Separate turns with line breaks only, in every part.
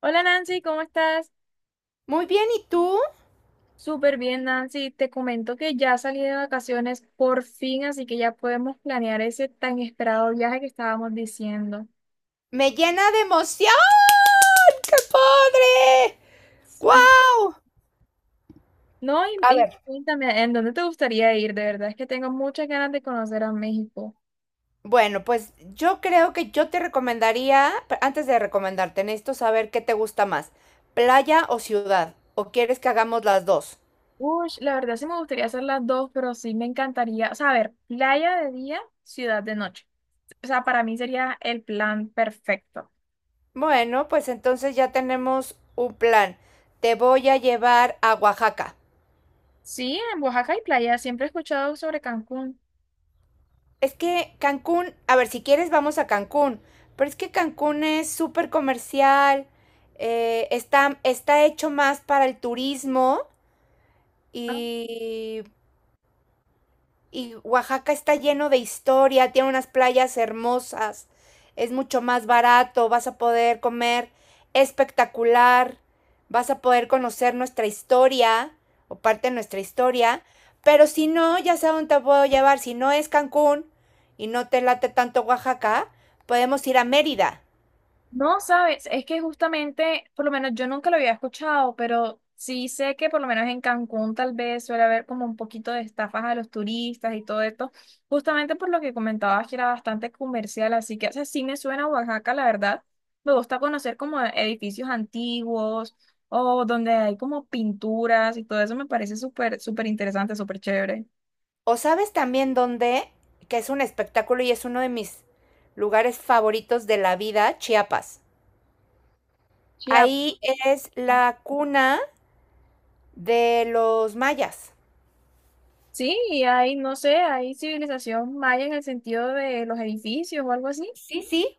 Hola Nancy, ¿cómo estás?
Muy bien, ¿y tú?
Súper bien, Nancy. Te comento que ya salí de vacaciones por fin, así que ya podemos planear ese tan esperado viaje que estábamos diciendo.
Me llena de emoción. ¡Qué padre!
Sí.
Guau.
No, y,
A
y
ver,
cuéntame, ¿en dónde te gustaría ir? De verdad es que tengo muchas ganas de conocer a México.
bueno, pues yo creo que yo te recomendaría, antes de recomendarte, necesito saber qué te gusta más, playa o ciudad, o quieres que hagamos las dos.
Uy, la verdad sí me gustaría hacer las dos, pero sí me encantaría, o sea, a ver, playa de día, ciudad de noche. O sea, para mí sería el plan perfecto.
Bueno, pues entonces ya tenemos un plan. Te voy a llevar a Oaxaca.
Sí, en Oaxaca hay playa, siempre he escuchado sobre Cancún.
Es que Cancún, a ver, si quieres vamos a Cancún, pero es que Cancún es súper comercial, está hecho más para el turismo y y Oaxaca está lleno de historia, tiene unas playas hermosas, es mucho más barato, vas a poder comer espectacular, vas a poder conocer nuestra historia o parte de nuestra historia, pero si no, ya sé a dónde te puedo llevar, si no es Cancún y no te late tanto Oaxaca, podemos ir a Mérida.
No, sabes, es que justamente, por lo menos yo nunca lo había escuchado, pero sí sé que por lo menos en Cancún tal vez suele haber como un poquito de estafas a los turistas y todo esto, justamente por lo que comentabas que era bastante comercial, así que, o sea, sí me suena a Oaxaca, la verdad. Me gusta conocer como edificios antiguos o donde hay como pinturas y todo eso me parece súper, súper interesante, súper chévere.
O sabes también dónde, que es un espectáculo y es uno de mis lugares favoritos de la vida, Chiapas.
Ya.
Ahí es la cuna de los mayas.
Sí, y hay, no sé, hay civilización maya en el sentido de los edificios o algo así.
Sí, sí.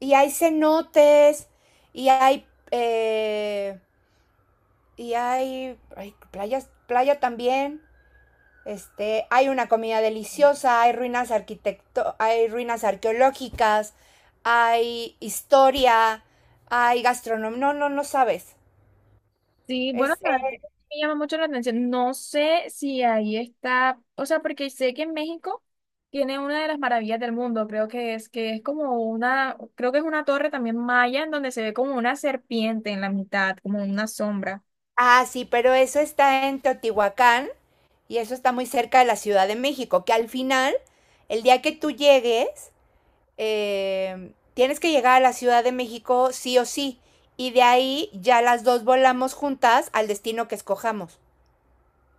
Y hay cenotes, y hay, eh, y hay playas, playa también. Este, hay una comida deliciosa, hay ruinas arqueológicas, hay historia, hay gastronomía. No, no, no sabes.
Sí, bueno,
Es,
la verdad
eh,
que me llama mucho la atención. No sé si ahí está, o sea, porque sé que en México tiene una de las maravillas del mundo, creo que es como una, creo que es una torre también maya en donde se ve como una serpiente en la mitad, como una sombra.
ah, sí, pero eso está en Teotihuacán y eso está muy cerca de la Ciudad de México, que al final, el día que tú llegues, tienes que llegar a la Ciudad de México sí o sí. Y de ahí ya las dos volamos juntas al destino que escojamos.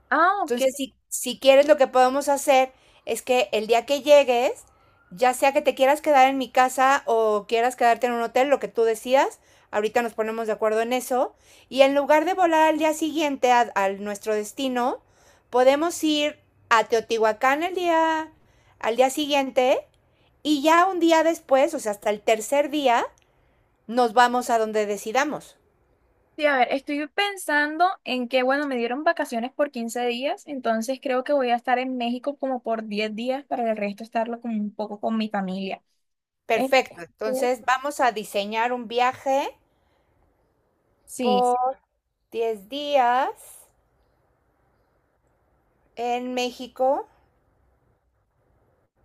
Ah, ok.
Entonces, si quieres, lo que podemos hacer es que el día que llegues, ya sea que te quieras quedar en mi casa o quieras quedarte en un hotel, lo que tú decidas, ahorita nos ponemos de acuerdo en eso, y en lugar de volar al día siguiente a nuestro destino, podemos ir a al día siguiente y ya un día después, o sea, hasta el tercer día, nos vamos a donde decidamos.
Sí, a ver, estoy pensando en que, bueno, me dieron vacaciones por 15 días, entonces creo que voy a estar en México como por 10 días para el resto estarlo como un poco con mi familia.
Perfecto.
Entonces,
Entonces vamos a diseñar un viaje
sí.
por 10 días en México.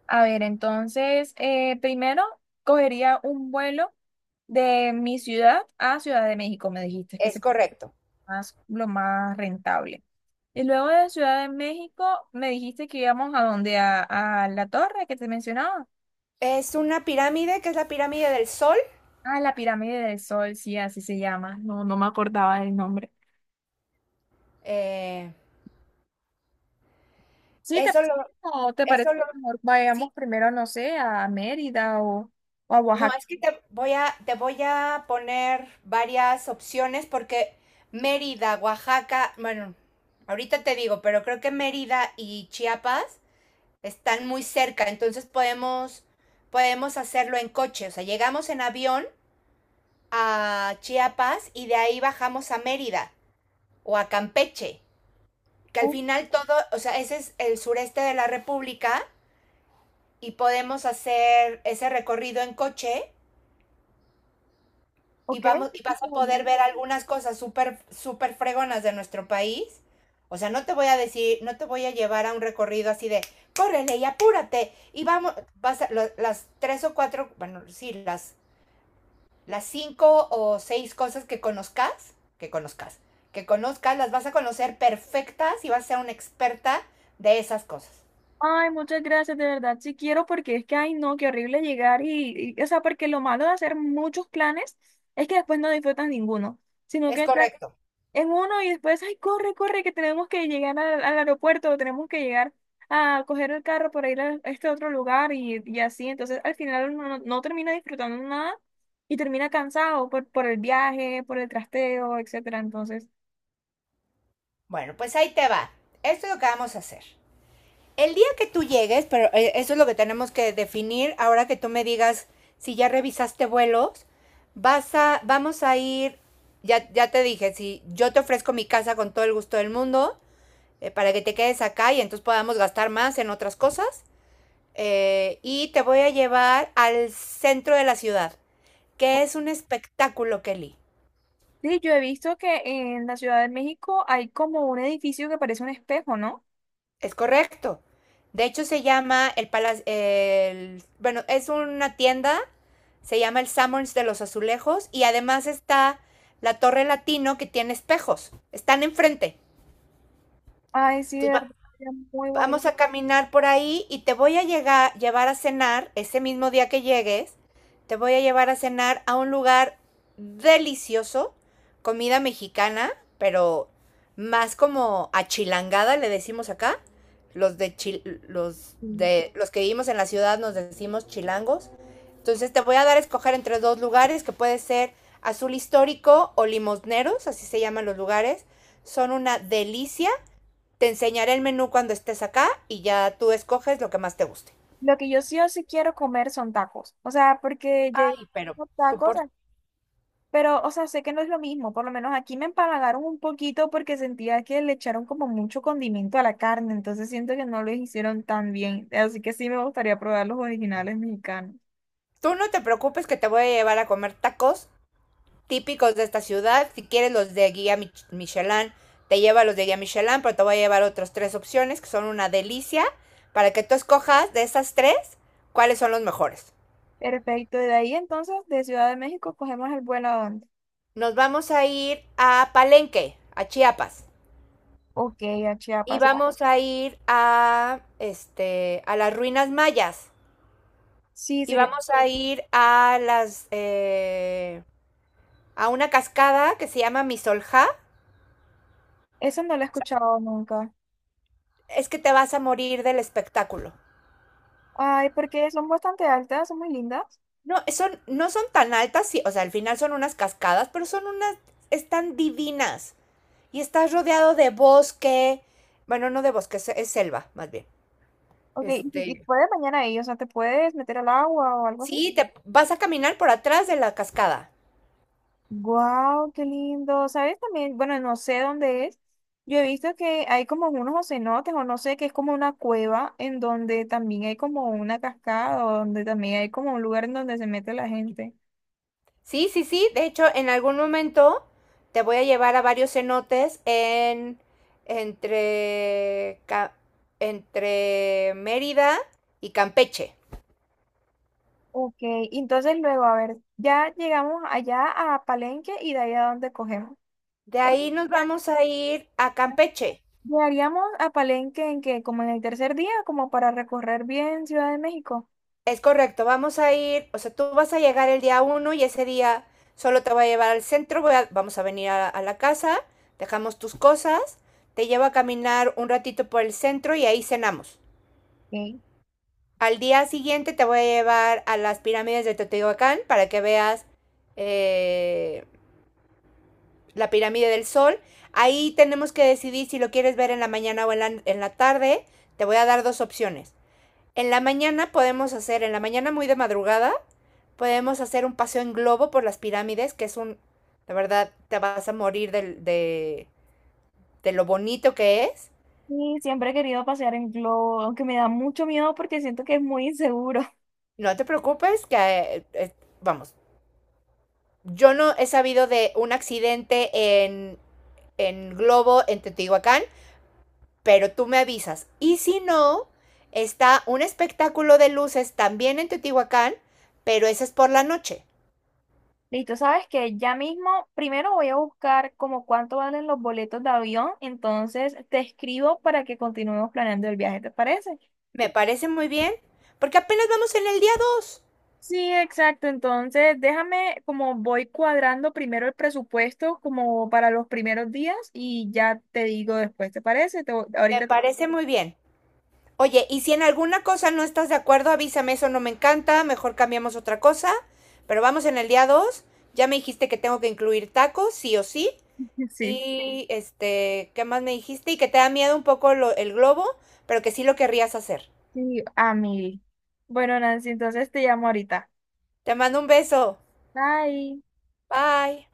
A ver, entonces, primero cogería un vuelo de mi ciudad a Ciudad de México, me dijiste que es
Es
el
correcto.
más, lo más rentable. Y luego de Ciudad de México, me dijiste que íbamos a donde, a la torre que te mencionaba.
Es una pirámide que es la pirámide del Sol.
Ah, la Pirámide del Sol, sí, así se llama. No, no me acordaba del nombre.
Eh,
Sí, ¿te
eso lo,
parece, o te
eso
parece
lo,
que mejor
sí.
vayamos primero, no sé, a Mérida o a
No,
Oaxaca?
es que te voy a poner varias opciones porque Mérida, Oaxaca, bueno, ahorita te digo, pero creo que Mérida y Chiapas están muy cerca, entonces podemos hacerlo en coche. O sea, llegamos en avión a Chiapas y de ahí bajamos a Mérida, o a Campeche, que al final todo, o sea, ese es el sureste de la República y podemos hacer ese recorrido en coche y
Ok.
vamos y vas a poder ver algunas cosas súper fregonas de nuestro país. O sea, no te voy a decir, no te voy a llevar a un recorrido así de córrele y apúrate y vamos, las tres o cuatro, bueno, sí, las cinco o seis cosas que conozcas, las vas a conocer perfectas y vas a ser una experta de esas cosas.
Ay, muchas gracias, de verdad, sí quiero porque es que, ay, no, qué horrible llegar o sea, porque lo malo de hacer muchos planes es que después no disfrutas ninguno, sino
Es
que estás
correcto.
en uno y después, ay, corre, corre, que tenemos que llegar al, al aeropuerto o tenemos que llegar a coger el carro para ir a este otro lugar y así, entonces al final uno no, no termina disfrutando nada y termina cansado por el viaje, por el trasteo, etcétera, entonces,
Bueno, pues ahí te va. Esto es lo que vamos a hacer. El día que tú llegues, pero eso es lo que tenemos que definir ahora que tú me digas si ya revisaste vuelos, vamos a ir, ya te dije, si yo te ofrezco mi casa con todo el gusto del mundo, para que te quedes acá y entonces podamos gastar más en otras cosas. Y te voy a llevar al centro de la ciudad, que es un espectáculo, Kelly.
sí, yo he visto que en la Ciudad de México hay como un edificio que parece un espejo, ¿no?
Es correcto. De hecho, se llama bueno, es una tienda, se llama el Summers de los Azulejos y además está la Torre Latino que tiene espejos. Están enfrente.
Ay, sí, de
Entonces,
verdad,
va-
sería muy bonito.
Vamos a caminar por ahí y te voy a llevar a cenar, ese mismo día que llegues, te voy a llevar a cenar a un lugar delicioso, comida mexicana, pero más como achilangada le decimos acá. Los
Mm.
de los que vivimos en la ciudad nos decimos chilangos. Entonces te voy a dar a escoger entre dos lugares que puede ser Azul Histórico o Limosneros, así se llaman los lugares. Son una delicia, te enseñaré el menú cuando estés acá y ya tú escoges lo que más te guste.
Lo que yo sí o sí quiero comer son tacos. O sea, porque
Ay, pero
llevo
tú,
tacos,
por...
ah, pero, o sea, sé que no es lo mismo. Por lo menos aquí me empalagaron un poquito porque sentía que le echaron como mucho condimento a la carne. Entonces siento que no lo hicieron tan bien. Así que sí me gustaría probar los originales mexicanos.
tú no te preocupes que te voy a llevar a comer tacos típicos de esta ciudad. Si quieres los de guía Michelin, te lleva los de guía Michelin, pero te voy a llevar otras tres opciones que son una delicia para que tú escojas de esas tres cuáles son los mejores.
Perfecto. De ahí entonces, de Ciudad de México, ¿cogemos el vuelo a dónde?
Nos vamos a ir a Palenque, a Chiapas.
Ok, a
Y
Chiapas. Ah,
vamos a ir a este a las ruinas mayas.
sí,
Y
sería.
vamos a ir a las a una cascada que se llama Misolja.
Eso no lo he escuchado nunca.
Es que te vas a morir del espectáculo.
Ay, porque son bastante altas, son muy lindas.
No, no son tan altas, sí, o sea, al final son unas cascadas, pero son unas, están divinas. Y estás rodeado de bosque, bueno, no de bosque, es selva, más bien.
Ok, y
Este,
puedes mañana ahí? O sea, ¿te puedes meter al agua o algo así?
sí, te vas a caminar por atrás de la cascada.
Wow, qué lindo. ¿Sabes también? Bueno, no sé dónde es. Yo he visto que hay como unos cenotes o no sé, que es como una cueva en donde también hay como una cascada o donde también hay como un lugar en donde se mete la gente.
Sí, sí, sí. De hecho, en algún momento te voy a llevar a varios cenotes entre Ca- entre Mérida y Campeche.
Ok, entonces luego, a ver, ya llegamos allá a Palenque y de ahí a dónde cogemos.
De ahí nos
Ya
vamos a ir a Campeche.
llegaríamos a Palenque en que como en el tercer día, como para recorrer bien Ciudad de México.
Es correcto, vamos a ir, o sea, tú vas a llegar el día 1 y ese día solo te voy a llevar al centro, vamos a venir a la casa, dejamos tus cosas, te llevo a caminar un ratito por el centro y ahí cenamos.
Ok.
Al día siguiente te voy a llevar a las pirámides de Teotihuacán para que veas eh, la pirámide del sol. Ahí tenemos que decidir si lo quieres ver en la mañana o en en la tarde. Te voy a dar dos opciones. En la mañana muy de madrugada, podemos hacer un paseo en globo por las pirámides, que es un, la verdad, te vas a morir de lo bonito que es.
Sí, siempre he querido pasear en globo, aunque me da mucho miedo porque siento que es muy inseguro.
No te preocupes, que, vamos, yo no he sabido de un accidente en Globo, en Teotihuacán, pero tú me avisas. Y si no, está un espectáculo de luces también en Teotihuacán, pero ese es por la noche.
Listo, sabes que ya mismo, primero voy a buscar como cuánto valen los boletos de avión, entonces te escribo para que continuemos planeando el viaje, ¿te parece?
Me parece muy bien, porque apenas vamos en el día 2.
Sí, exacto. Entonces, déjame como voy cuadrando primero el presupuesto como para los primeros días y ya te digo después, ¿te parece? Te-
Me
ahorita te-
parece muy bien. Oye, y si en alguna cosa no estás de acuerdo, avísame, eso no me encanta, mejor cambiamos otra cosa, pero vamos en el día 2. Ya me dijiste que tengo que incluir tacos, sí o sí.
Sí,
Y este, ¿qué más me dijiste? Y que te da miedo un poco el globo, pero que sí lo querrías hacer.
sí, a mí. Bueno, Nancy, entonces te llamo ahorita.
Te mando un beso.
Bye.
Bye.